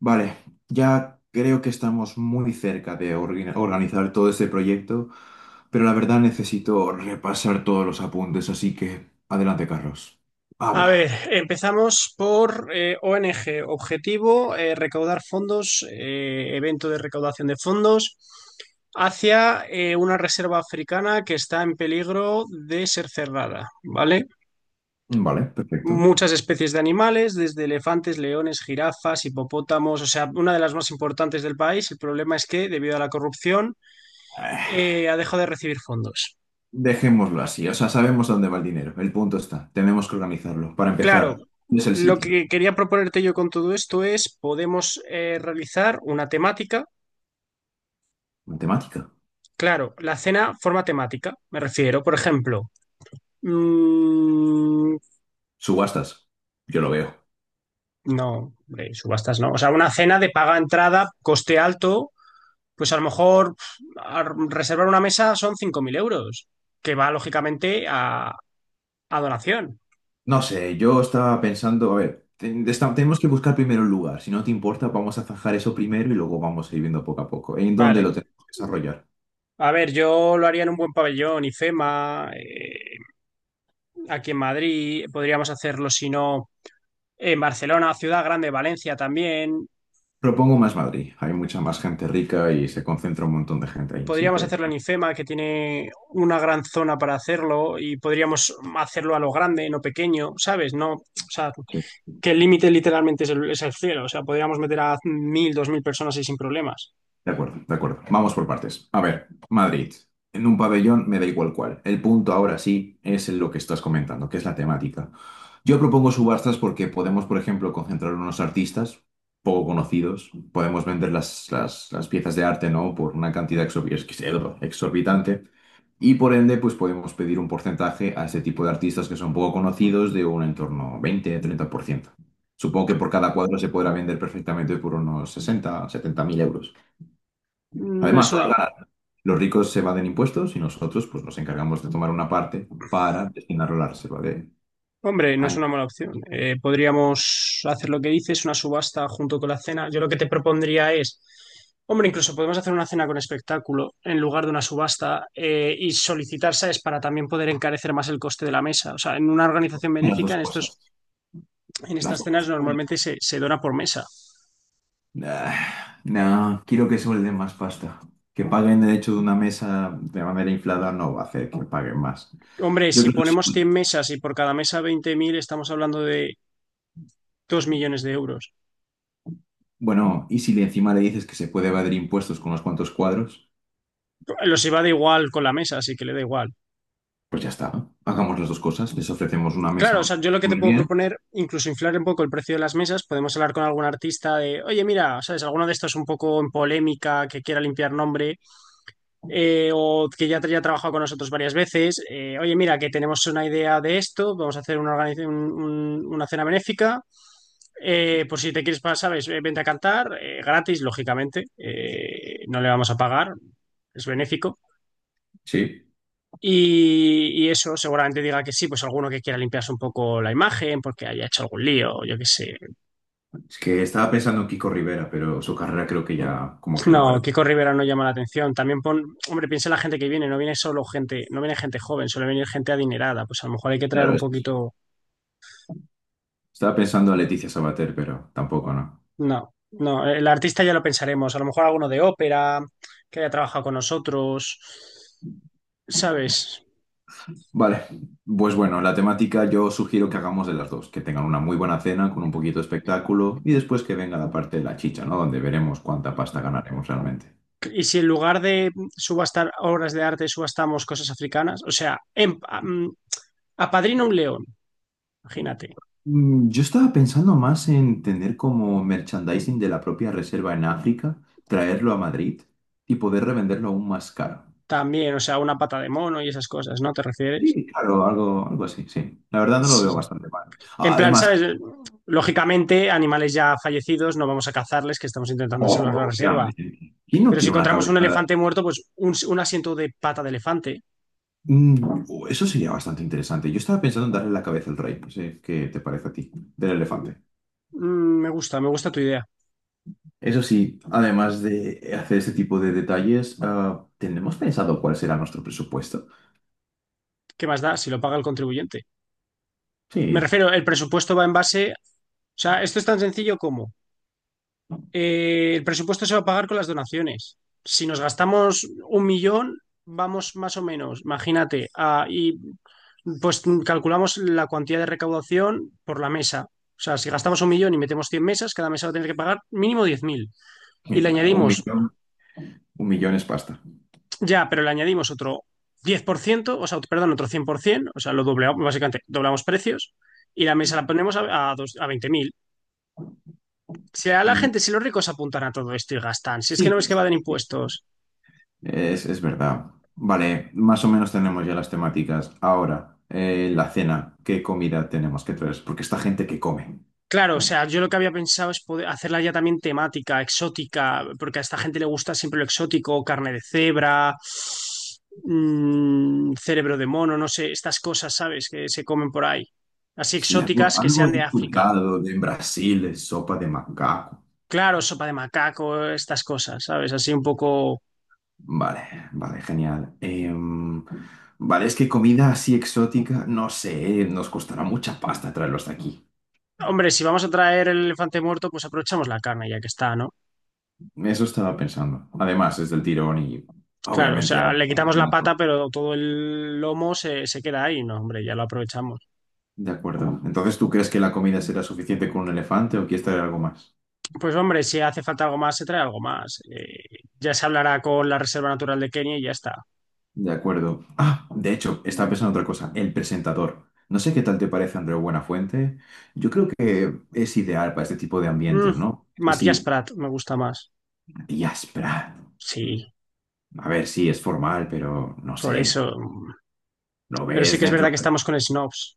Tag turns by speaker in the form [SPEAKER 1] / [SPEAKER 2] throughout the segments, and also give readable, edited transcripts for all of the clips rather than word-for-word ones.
[SPEAKER 1] Vale, ya creo que estamos muy cerca de organizar todo este proyecto, pero la verdad necesito repasar todos los apuntes, así que adelante, Carlos.
[SPEAKER 2] A
[SPEAKER 1] Habla.
[SPEAKER 2] ver, empezamos por ONG, objetivo, recaudar fondos, evento de recaudación de fondos hacia una reserva africana que está en peligro de ser cerrada, ¿vale?
[SPEAKER 1] Vale, perfecto.
[SPEAKER 2] Muchas especies de animales, desde elefantes, leones, jirafas, hipopótamos, o sea, una de las más importantes del país. El problema es que, debido a la corrupción,
[SPEAKER 1] Eh,
[SPEAKER 2] ha dejado de recibir fondos.
[SPEAKER 1] Dejémoslo así, o sea, sabemos dónde va el dinero. El punto está, tenemos que organizarlo. Para
[SPEAKER 2] Claro,
[SPEAKER 1] empezar, ¿dónde es el
[SPEAKER 2] lo
[SPEAKER 1] sitio?
[SPEAKER 2] que quería proponerte yo con todo esto es, podemos realizar una temática.
[SPEAKER 1] Matemática.
[SPEAKER 2] Claro, la cena forma temática, me refiero, por ejemplo, mm,
[SPEAKER 1] Subastas. Yo lo veo.
[SPEAKER 2] no, hombre, subastas no, o sea, una cena de paga entrada, coste alto, pues a lo mejor pf, a reservar una mesa son 5.000 euros, que va lógicamente a donación,
[SPEAKER 1] No sé, yo estaba pensando, a ver, tenemos que buscar primero un lugar. Si no te importa, vamos a zanjar eso primero y luego vamos a ir viendo poco a poco. ¿En dónde lo
[SPEAKER 2] ¿vale?
[SPEAKER 1] tenemos que desarrollar?
[SPEAKER 2] A ver, yo lo haría en un buen pabellón, IFEMA, aquí en Madrid, podríamos hacerlo si no en Barcelona, Ciudad Grande, Valencia también,
[SPEAKER 1] Propongo más Madrid. Hay mucha más gente rica y se concentra un montón de gente ahí, así
[SPEAKER 2] podríamos
[SPEAKER 1] que...
[SPEAKER 2] hacerlo en IFEMA, que tiene una gran zona para hacerlo, y podríamos hacerlo a lo grande, no pequeño, ¿sabes? No, o sea, que el límite literalmente es el cielo. O sea, podríamos meter a 1.000, 2.000 personas ahí sin problemas.
[SPEAKER 1] De acuerdo, de acuerdo. Vamos por partes. A ver, Madrid. En un pabellón me da igual cuál. El punto ahora sí es en lo que estás comentando, que es la temática. Yo propongo subastas porque podemos, por ejemplo, concentrar unos artistas poco conocidos, podemos vender las piezas de arte, ¿no? Por una cantidad exorbi- es exorbitante y por ende, pues podemos pedir un porcentaje a ese tipo de artistas que son poco conocidos de un entorno 20-30%. Supongo que por cada cuadro se podrá vender perfectamente por unos 60.000-70.000 euros.
[SPEAKER 2] Mm, es
[SPEAKER 1] Además, todos
[SPEAKER 2] una,
[SPEAKER 1] ganan. Los ricos se evaden impuestos y nosotros pues, nos encargamos de tomar una parte para destinarlo a la reserva de
[SPEAKER 2] hombre, no es una
[SPEAKER 1] animales.
[SPEAKER 2] mala opción. Podríamos hacer lo que dices, una subasta junto con la cena. Yo lo que te propondría es. Hombre, incluso podemos hacer una cena con espectáculo en lugar de una subasta y solicitar, ¿sabes? Para también poder encarecer más el coste de la mesa. O sea, en una organización
[SPEAKER 1] Las
[SPEAKER 2] benéfica,
[SPEAKER 1] dos cosas.
[SPEAKER 2] en
[SPEAKER 1] Las
[SPEAKER 2] estas
[SPEAKER 1] dos
[SPEAKER 2] cenas
[SPEAKER 1] cosas.
[SPEAKER 2] normalmente se dona por mesa.
[SPEAKER 1] Ah, no, quiero que suelden más pasta. Que paguen el hecho de una mesa de manera inflada no va a hacer que paguen más.
[SPEAKER 2] Hombre,
[SPEAKER 1] Yo
[SPEAKER 2] si
[SPEAKER 1] creo que sí.
[SPEAKER 2] ponemos 100 mesas y por cada mesa 20.000, estamos hablando de 2 millones de euros.
[SPEAKER 1] Bueno, y si le encima le dices que se puede evadir impuestos con unos cuantos cuadros,
[SPEAKER 2] Los iba de igual con la mesa, así que le da igual.
[SPEAKER 1] pues ya está, ¿no? Hagamos las dos cosas. Les ofrecemos una mesa
[SPEAKER 2] Claro, o
[SPEAKER 1] donde
[SPEAKER 2] sea, yo lo que te
[SPEAKER 1] comer
[SPEAKER 2] puedo
[SPEAKER 1] bien.
[SPEAKER 2] proponer, incluso inflar un poco el precio de las mesas, podemos hablar con algún artista de, oye, mira, ¿sabes? Alguno de estos un poco en polémica, que quiera limpiar nombre, o que ya ha trabajado con nosotros varias veces. Oye, mira, que tenemos una idea de esto, vamos a hacer una, una cena benéfica. Por si te quieres pasar, ¿sabes? Vente a cantar, gratis, lógicamente. No le vamos a pagar, es benéfico.
[SPEAKER 1] Sí.
[SPEAKER 2] Y eso seguramente diga que sí, pues alguno que quiera limpiarse un poco la imagen porque haya hecho algún lío, yo qué sé.
[SPEAKER 1] Es que estaba pensando en Kiko Rivera, pero su carrera creo que ya, como que
[SPEAKER 2] No,
[SPEAKER 1] no, ¿verdad?
[SPEAKER 2] Kiko Rivera no llama la atención. También pon, hombre, piensa en la gente que viene, no viene solo gente, no viene gente joven, suele venir gente adinerada. Pues a lo mejor hay que traer
[SPEAKER 1] Claro,
[SPEAKER 2] un poquito.
[SPEAKER 1] estaba pensando en Leticia Sabater, pero tampoco, ¿no?
[SPEAKER 2] No, no, el artista ya lo pensaremos. A lo mejor alguno de ópera que haya trabajado con nosotros, ¿sabes?
[SPEAKER 1] Vale, pues bueno, la temática yo sugiero que hagamos de las dos, que tengan una muy buena cena con un poquito de espectáculo y después que venga la parte de la chicha, ¿no? Donde veremos cuánta pasta ganaremos realmente.
[SPEAKER 2] Y si en lugar de subastar obras de arte subastamos cosas africanas, o sea, apadrina un león, imagínate.
[SPEAKER 1] Yo estaba pensando más en tener como merchandising de la propia reserva en África, traerlo a Madrid y poder revenderlo aún más caro.
[SPEAKER 2] También, o sea, una pata de mono y esas cosas, ¿no? ¿Te refieres?
[SPEAKER 1] Sí, claro, algo, algo así, sí. La verdad no lo veo
[SPEAKER 2] Sí.
[SPEAKER 1] bastante mal.
[SPEAKER 2] En plan,
[SPEAKER 1] Además,
[SPEAKER 2] ¿sabes? Lógicamente, animales ya fallecidos no vamos a cazarles, que estamos intentando salvar la
[SPEAKER 1] oh,
[SPEAKER 2] reserva.
[SPEAKER 1] obviamente, ¿quién no
[SPEAKER 2] Pero si
[SPEAKER 1] quiere una
[SPEAKER 2] encontramos un
[SPEAKER 1] cabeza?
[SPEAKER 2] elefante muerto, pues un asiento de pata de elefante.
[SPEAKER 1] Oh, eso sería bastante interesante. Yo estaba pensando en darle la cabeza al rey, no sé qué te parece a ti, del elefante.
[SPEAKER 2] Mm, me gusta tu idea.
[SPEAKER 1] Eso sí, además de hacer este tipo de detalles, ah, ¿tenemos pensado cuál será nuestro presupuesto?
[SPEAKER 2] ¿Qué más da si lo paga el contribuyente? Me
[SPEAKER 1] Sí,
[SPEAKER 2] refiero, el presupuesto va en base. O sea, esto es tan sencillo como el presupuesto se va a pagar con las donaciones. Si nos gastamos 1 millón, vamos más o menos, imagínate, pues calculamos la cuantía de recaudación por la mesa. O sea, si gastamos 1 millón y metemos 100 mesas, cada mesa va a tener que pagar mínimo 10.000. Y le
[SPEAKER 1] mira,
[SPEAKER 2] añadimos.
[SPEAKER 1] un millón es pasta.
[SPEAKER 2] Ya, pero le añadimos otro 10 por ciento, o sea, perdón, otro 100%, o sea, lo doblamos, básicamente doblamos precios y la mesa la ponemos a, a 20.000. Si a la
[SPEAKER 1] Mm,
[SPEAKER 2] gente, si los ricos apuntan a todo esto y gastan, si es que no ves que va
[SPEAKER 1] Sí.
[SPEAKER 2] de impuestos.
[SPEAKER 1] Es verdad. Vale, más o menos tenemos ya las temáticas. Ahora, la cena, ¿qué comida tenemos que traer? Porque esta gente que come,
[SPEAKER 2] Claro, o
[SPEAKER 1] ¿no?
[SPEAKER 2] sea, yo lo que había pensado es poder hacerla ya también temática, exótica, porque a esta gente le gusta siempre lo exótico, carne de cebra, cerebro de mono, no sé, estas cosas, ¿sabes? Que se comen por ahí. Así
[SPEAKER 1] Sí, algo,
[SPEAKER 2] exóticas que
[SPEAKER 1] algo
[SPEAKER 2] sean
[SPEAKER 1] he
[SPEAKER 2] de África.
[SPEAKER 1] escuchado de en Brasil, de sopa de macaco.
[SPEAKER 2] Claro, sopa de macaco, estas cosas, ¿sabes? Así un poco...
[SPEAKER 1] Vale, vale, genial. Vale, es que comida así exótica, no sé, nos costará mucha pasta traerlo hasta aquí.
[SPEAKER 2] Hombre, si vamos a traer el elefante muerto, pues aprovechamos la carne ya que está, ¿no?
[SPEAKER 1] Eso estaba pensando. Además, es del tirón y
[SPEAKER 2] Claro, o
[SPEAKER 1] obviamente...
[SPEAKER 2] sea, le quitamos la pata, pero todo el lomo se queda ahí, ¿no? Hombre, ya lo aprovechamos.
[SPEAKER 1] De acuerdo. Entonces, ¿tú crees que la comida será suficiente con un elefante o quieres traer algo más?
[SPEAKER 2] Pues hombre, si hace falta algo más, se trae algo más. Ya se hablará con la Reserva Natural de Kenia y ya está.
[SPEAKER 1] De acuerdo. Ah, de hecho, estaba pensando en otra cosa. El presentador. No sé qué tal te parece Andreu Buenafuente. Yo creo que es ideal para este tipo de
[SPEAKER 2] Mm,
[SPEAKER 1] ambientes, ¿no? Es
[SPEAKER 2] Matías
[SPEAKER 1] así,
[SPEAKER 2] Prat, me gusta más.
[SPEAKER 1] y áspera.
[SPEAKER 2] Sí,
[SPEAKER 1] A ver, sí, es formal, pero no
[SPEAKER 2] por
[SPEAKER 1] sé.
[SPEAKER 2] eso. Mm,
[SPEAKER 1] Lo
[SPEAKER 2] pero sí
[SPEAKER 1] ves
[SPEAKER 2] que es
[SPEAKER 1] dentro
[SPEAKER 2] verdad que
[SPEAKER 1] de...
[SPEAKER 2] estamos con snobs.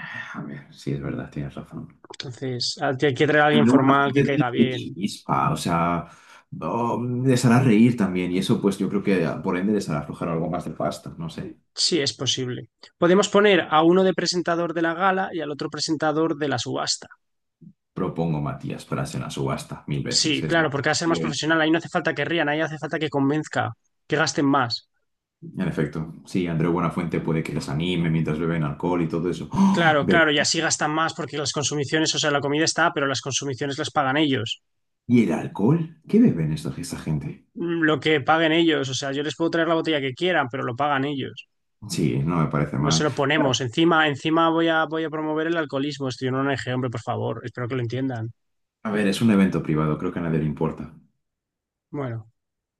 [SPEAKER 1] Ah, a ver, sí, es verdad, tienes razón.
[SPEAKER 2] Entonces, hay que traer a alguien
[SPEAKER 1] Andreu
[SPEAKER 2] formal que
[SPEAKER 1] Buenafuente tiene
[SPEAKER 2] caiga
[SPEAKER 1] su
[SPEAKER 2] bien.
[SPEAKER 1] chispa, o sea, oh, les hará reír también. Y eso, pues, yo creo que ah, por ende les hará aflojar algo más de pasta, no sé.
[SPEAKER 2] Sí, es posible. Podemos poner a uno de presentador de la gala y al otro presentador de la subasta.
[SPEAKER 1] Propongo Matías para hacer una subasta mil veces.
[SPEAKER 2] Sí,
[SPEAKER 1] Es más.
[SPEAKER 2] claro, porque va a ser más profesional. Ahí no hace falta que rían, ahí hace falta que convenzca, que gasten más.
[SPEAKER 1] En efecto, sí, Andreu Buenafuente puede que les anime mientras beben alcohol y todo eso. ¡Oh!
[SPEAKER 2] Claro, claro, y así gastan más porque las consumiciones, o sea, la comida está, pero las consumiciones las pagan ellos.
[SPEAKER 1] ¿Y el alcohol? ¿Qué beben esta gente?
[SPEAKER 2] Mm, lo que paguen ellos, o sea, yo les puedo traer la botella que quieran, pero lo pagan ellos.
[SPEAKER 1] Sí, no me parece
[SPEAKER 2] No
[SPEAKER 1] mal.
[SPEAKER 2] se lo
[SPEAKER 1] Claro,
[SPEAKER 2] ponemos. Encima, encima voy a promover el alcoholismo. Estoy en una ONG, hombre, por favor. Espero que lo entiendan.
[SPEAKER 1] a ver, es un evento privado, creo que a nadie le importa.
[SPEAKER 2] Bueno,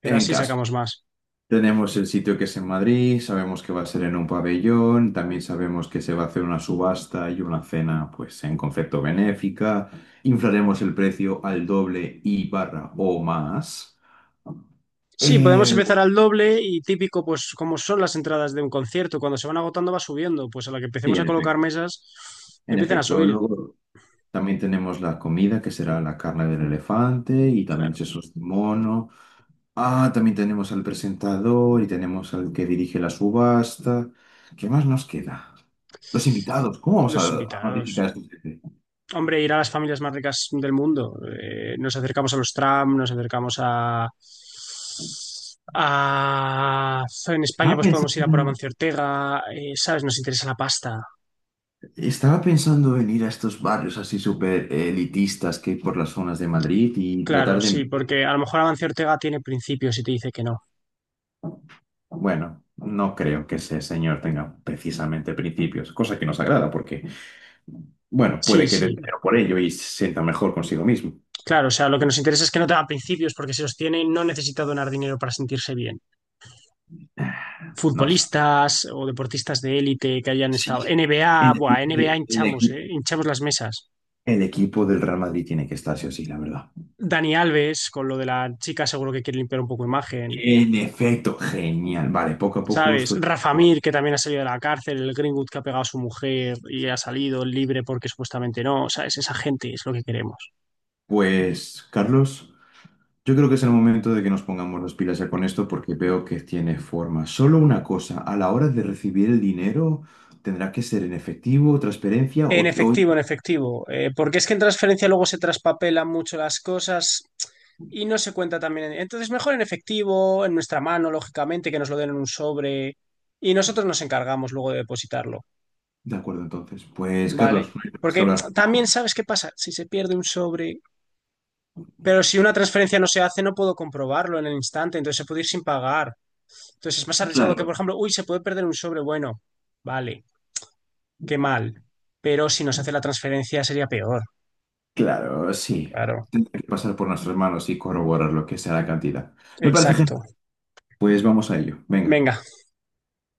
[SPEAKER 2] pero
[SPEAKER 1] En
[SPEAKER 2] así
[SPEAKER 1] caso,
[SPEAKER 2] sacamos más.
[SPEAKER 1] tenemos el sitio que es en Madrid, sabemos que va a ser en un pabellón, también sabemos que se va a hacer una subasta y una cena, pues en concepto benéfica. Inflaremos el precio al doble y barra o más.
[SPEAKER 2] Sí, podemos
[SPEAKER 1] Eh,
[SPEAKER 2] empezar al doble y típico, pues como son las entradas de un concierto, cuando se van agotando va subiendo, pues a la que
[SPEAKER 1] sí,
[SPEAKER 2] empecemos a
[SPEAKER 1] en
[SPEAKER 2] colocar
[SPEAKER 1] efecto.
[SPEAKER 2] mesas,
[SPEAKER 1] En
[SPEAKER 2] empiezan a
[SPEAKER 1] efecto,
[SPEAKER 2] subir,
[SPEAKER 1] luego. También tenemos la comida, que será la carne del elefante y también
[SPEAKER 2] claro,
[SPEAKER 1] sesos de mono. Ah, también tenemos al presentador y tenemos al que dirige la subasta. ¿Qué más nos queda? Los invitados, ¿cómo vamos a,
[SPEAKER 2] los
[SPEAKER 1] a notificar a
[SPEAKER 2] invitados.
[SPEAKER 1] estos gente?
[SPEAKER 2] Hombre, ir a las familias más ricas del mundo. Nos acercamos a los Trump, nos acercamos a... En España
[SPEAKER 1] Estaba
[SPEAKER 2] pues podemos ir a por
[SPEAKER 1] pensando,
[SPEAKER 2] Amancio Ortega, ¿sabes? Nos interesa la pasta.
[SPEAKER 1] estaba pensando en ir a estos barrios así súper elitistas que hay por las zonas de Madrid y
[SPEAKER 2] Claro,
[SPEAKER 1] tratar de...
[SPEAKER 2] sí, porque a lo mejor Amancio Ortega tiene principios y te dice que no.
[SPEAKER 1] Bueno, no creo que ese señor tenga precisamente principios, cosa que nos agrada porque... Bueno,
[SPEAKER 2] Sí,
[SPEAKER 1] puede que
[SPEAKER 2] sí.
[SPEAKER 1] dinero por ello y se sienta mejor consigo mismo.
[SPEAKER 2] Claro, o sea, lo que nos interesa es que no tenga principios, porque si los tiene, no necesita donar dinero para sentirse bien.
[SPEAKER 1] No sé.
[SPEAKER 2] Futbolistas o deportistas de élite que hayan estado.
[SPEAKER 1] Sí,
[SPEAKER 2] NBA,
[SPEAKER 1] el
[SPEAKER 2] buah,
[SPEAKER 1] equipo,
[SPEAKER 2] NBA hinchamos, ¿eh? Hinchamos las mesas.
[SPEAKER 1] el equipo del Real Madrid tiene que estar sí o sí, la verdad.
[SPEAKER 2] Dani Alves, con lo de la chica, seguro que quiere limpiar un poco imagen.
[SPEAKER 1] En efecto, genial. Vale, poco a poco
[SPEAKER 2] ¿Sabes?
[SPEAKER 1] esto.
[SPEAKER 2] Rafa
[SPEAKER 1] Bueno,
[SPEAKER 2] Mir, que también ha salido de la cárcel, el Greenwood que ha pegado a su mujer y ha salido libre porque supuestamente no. ¿Sabes? Esa gente es lo que queremos.
[SPEAKER 1] pues, Carlos, yo creo que es el momento de que nos pongamos las pilas ya con esto porque veo que tiene forma. Solo una cosa, a la hora de recibir el dinero, ¿tendrá que ser en efectivo, transferencia
[SPEAKER 2] En
[SPEAKER 1] o...
[SPEAKER 2] efectivo, en efectivo. Porque es que en transferencia luego se traspapelan mucho las cosas y no se cuenta también. Entonces, mejor en efectivo, en nuestra mano, lógicamente, que nos lo den en un sobre y nosotros nos encargamos luego de depositarlo,
[SPEAKER 1] De acuerdo, entonces. Pues,
[SPEAKER 2] ¿vale?
[SPEAKER 1] Carlos, no hay más que
[SPEAKER 2] Porque
[SPEAKER 1] hablar.
[SPEAKER 2] también sabes qué pasa, si se pierde un sobre, pero si una transferencia no se hace, no puedo comprobarlo en el instante, entonces se puede ir sin pagar. Entonces es más arriesgado que,
[SPEAKER 1] Claro.
[SPEAKER 2] por ejemplo, uy, se puede perder un sobre, bueno, vale, qué mal. Pero si nos hace la transferencia sería peor,
[SPEAKER 1] Claro, sí.
[SPEAKER 2] claro.
[SPEAKER 1] Tendrá que pasar por nuestras manos y corroborar lo que sea la cantidad. Me parece
[SPEAKER 2] Exacto.
[SPEAKER 1] genial. Pues vamos a ello. Venga.
[SPEAKER 2] Venga.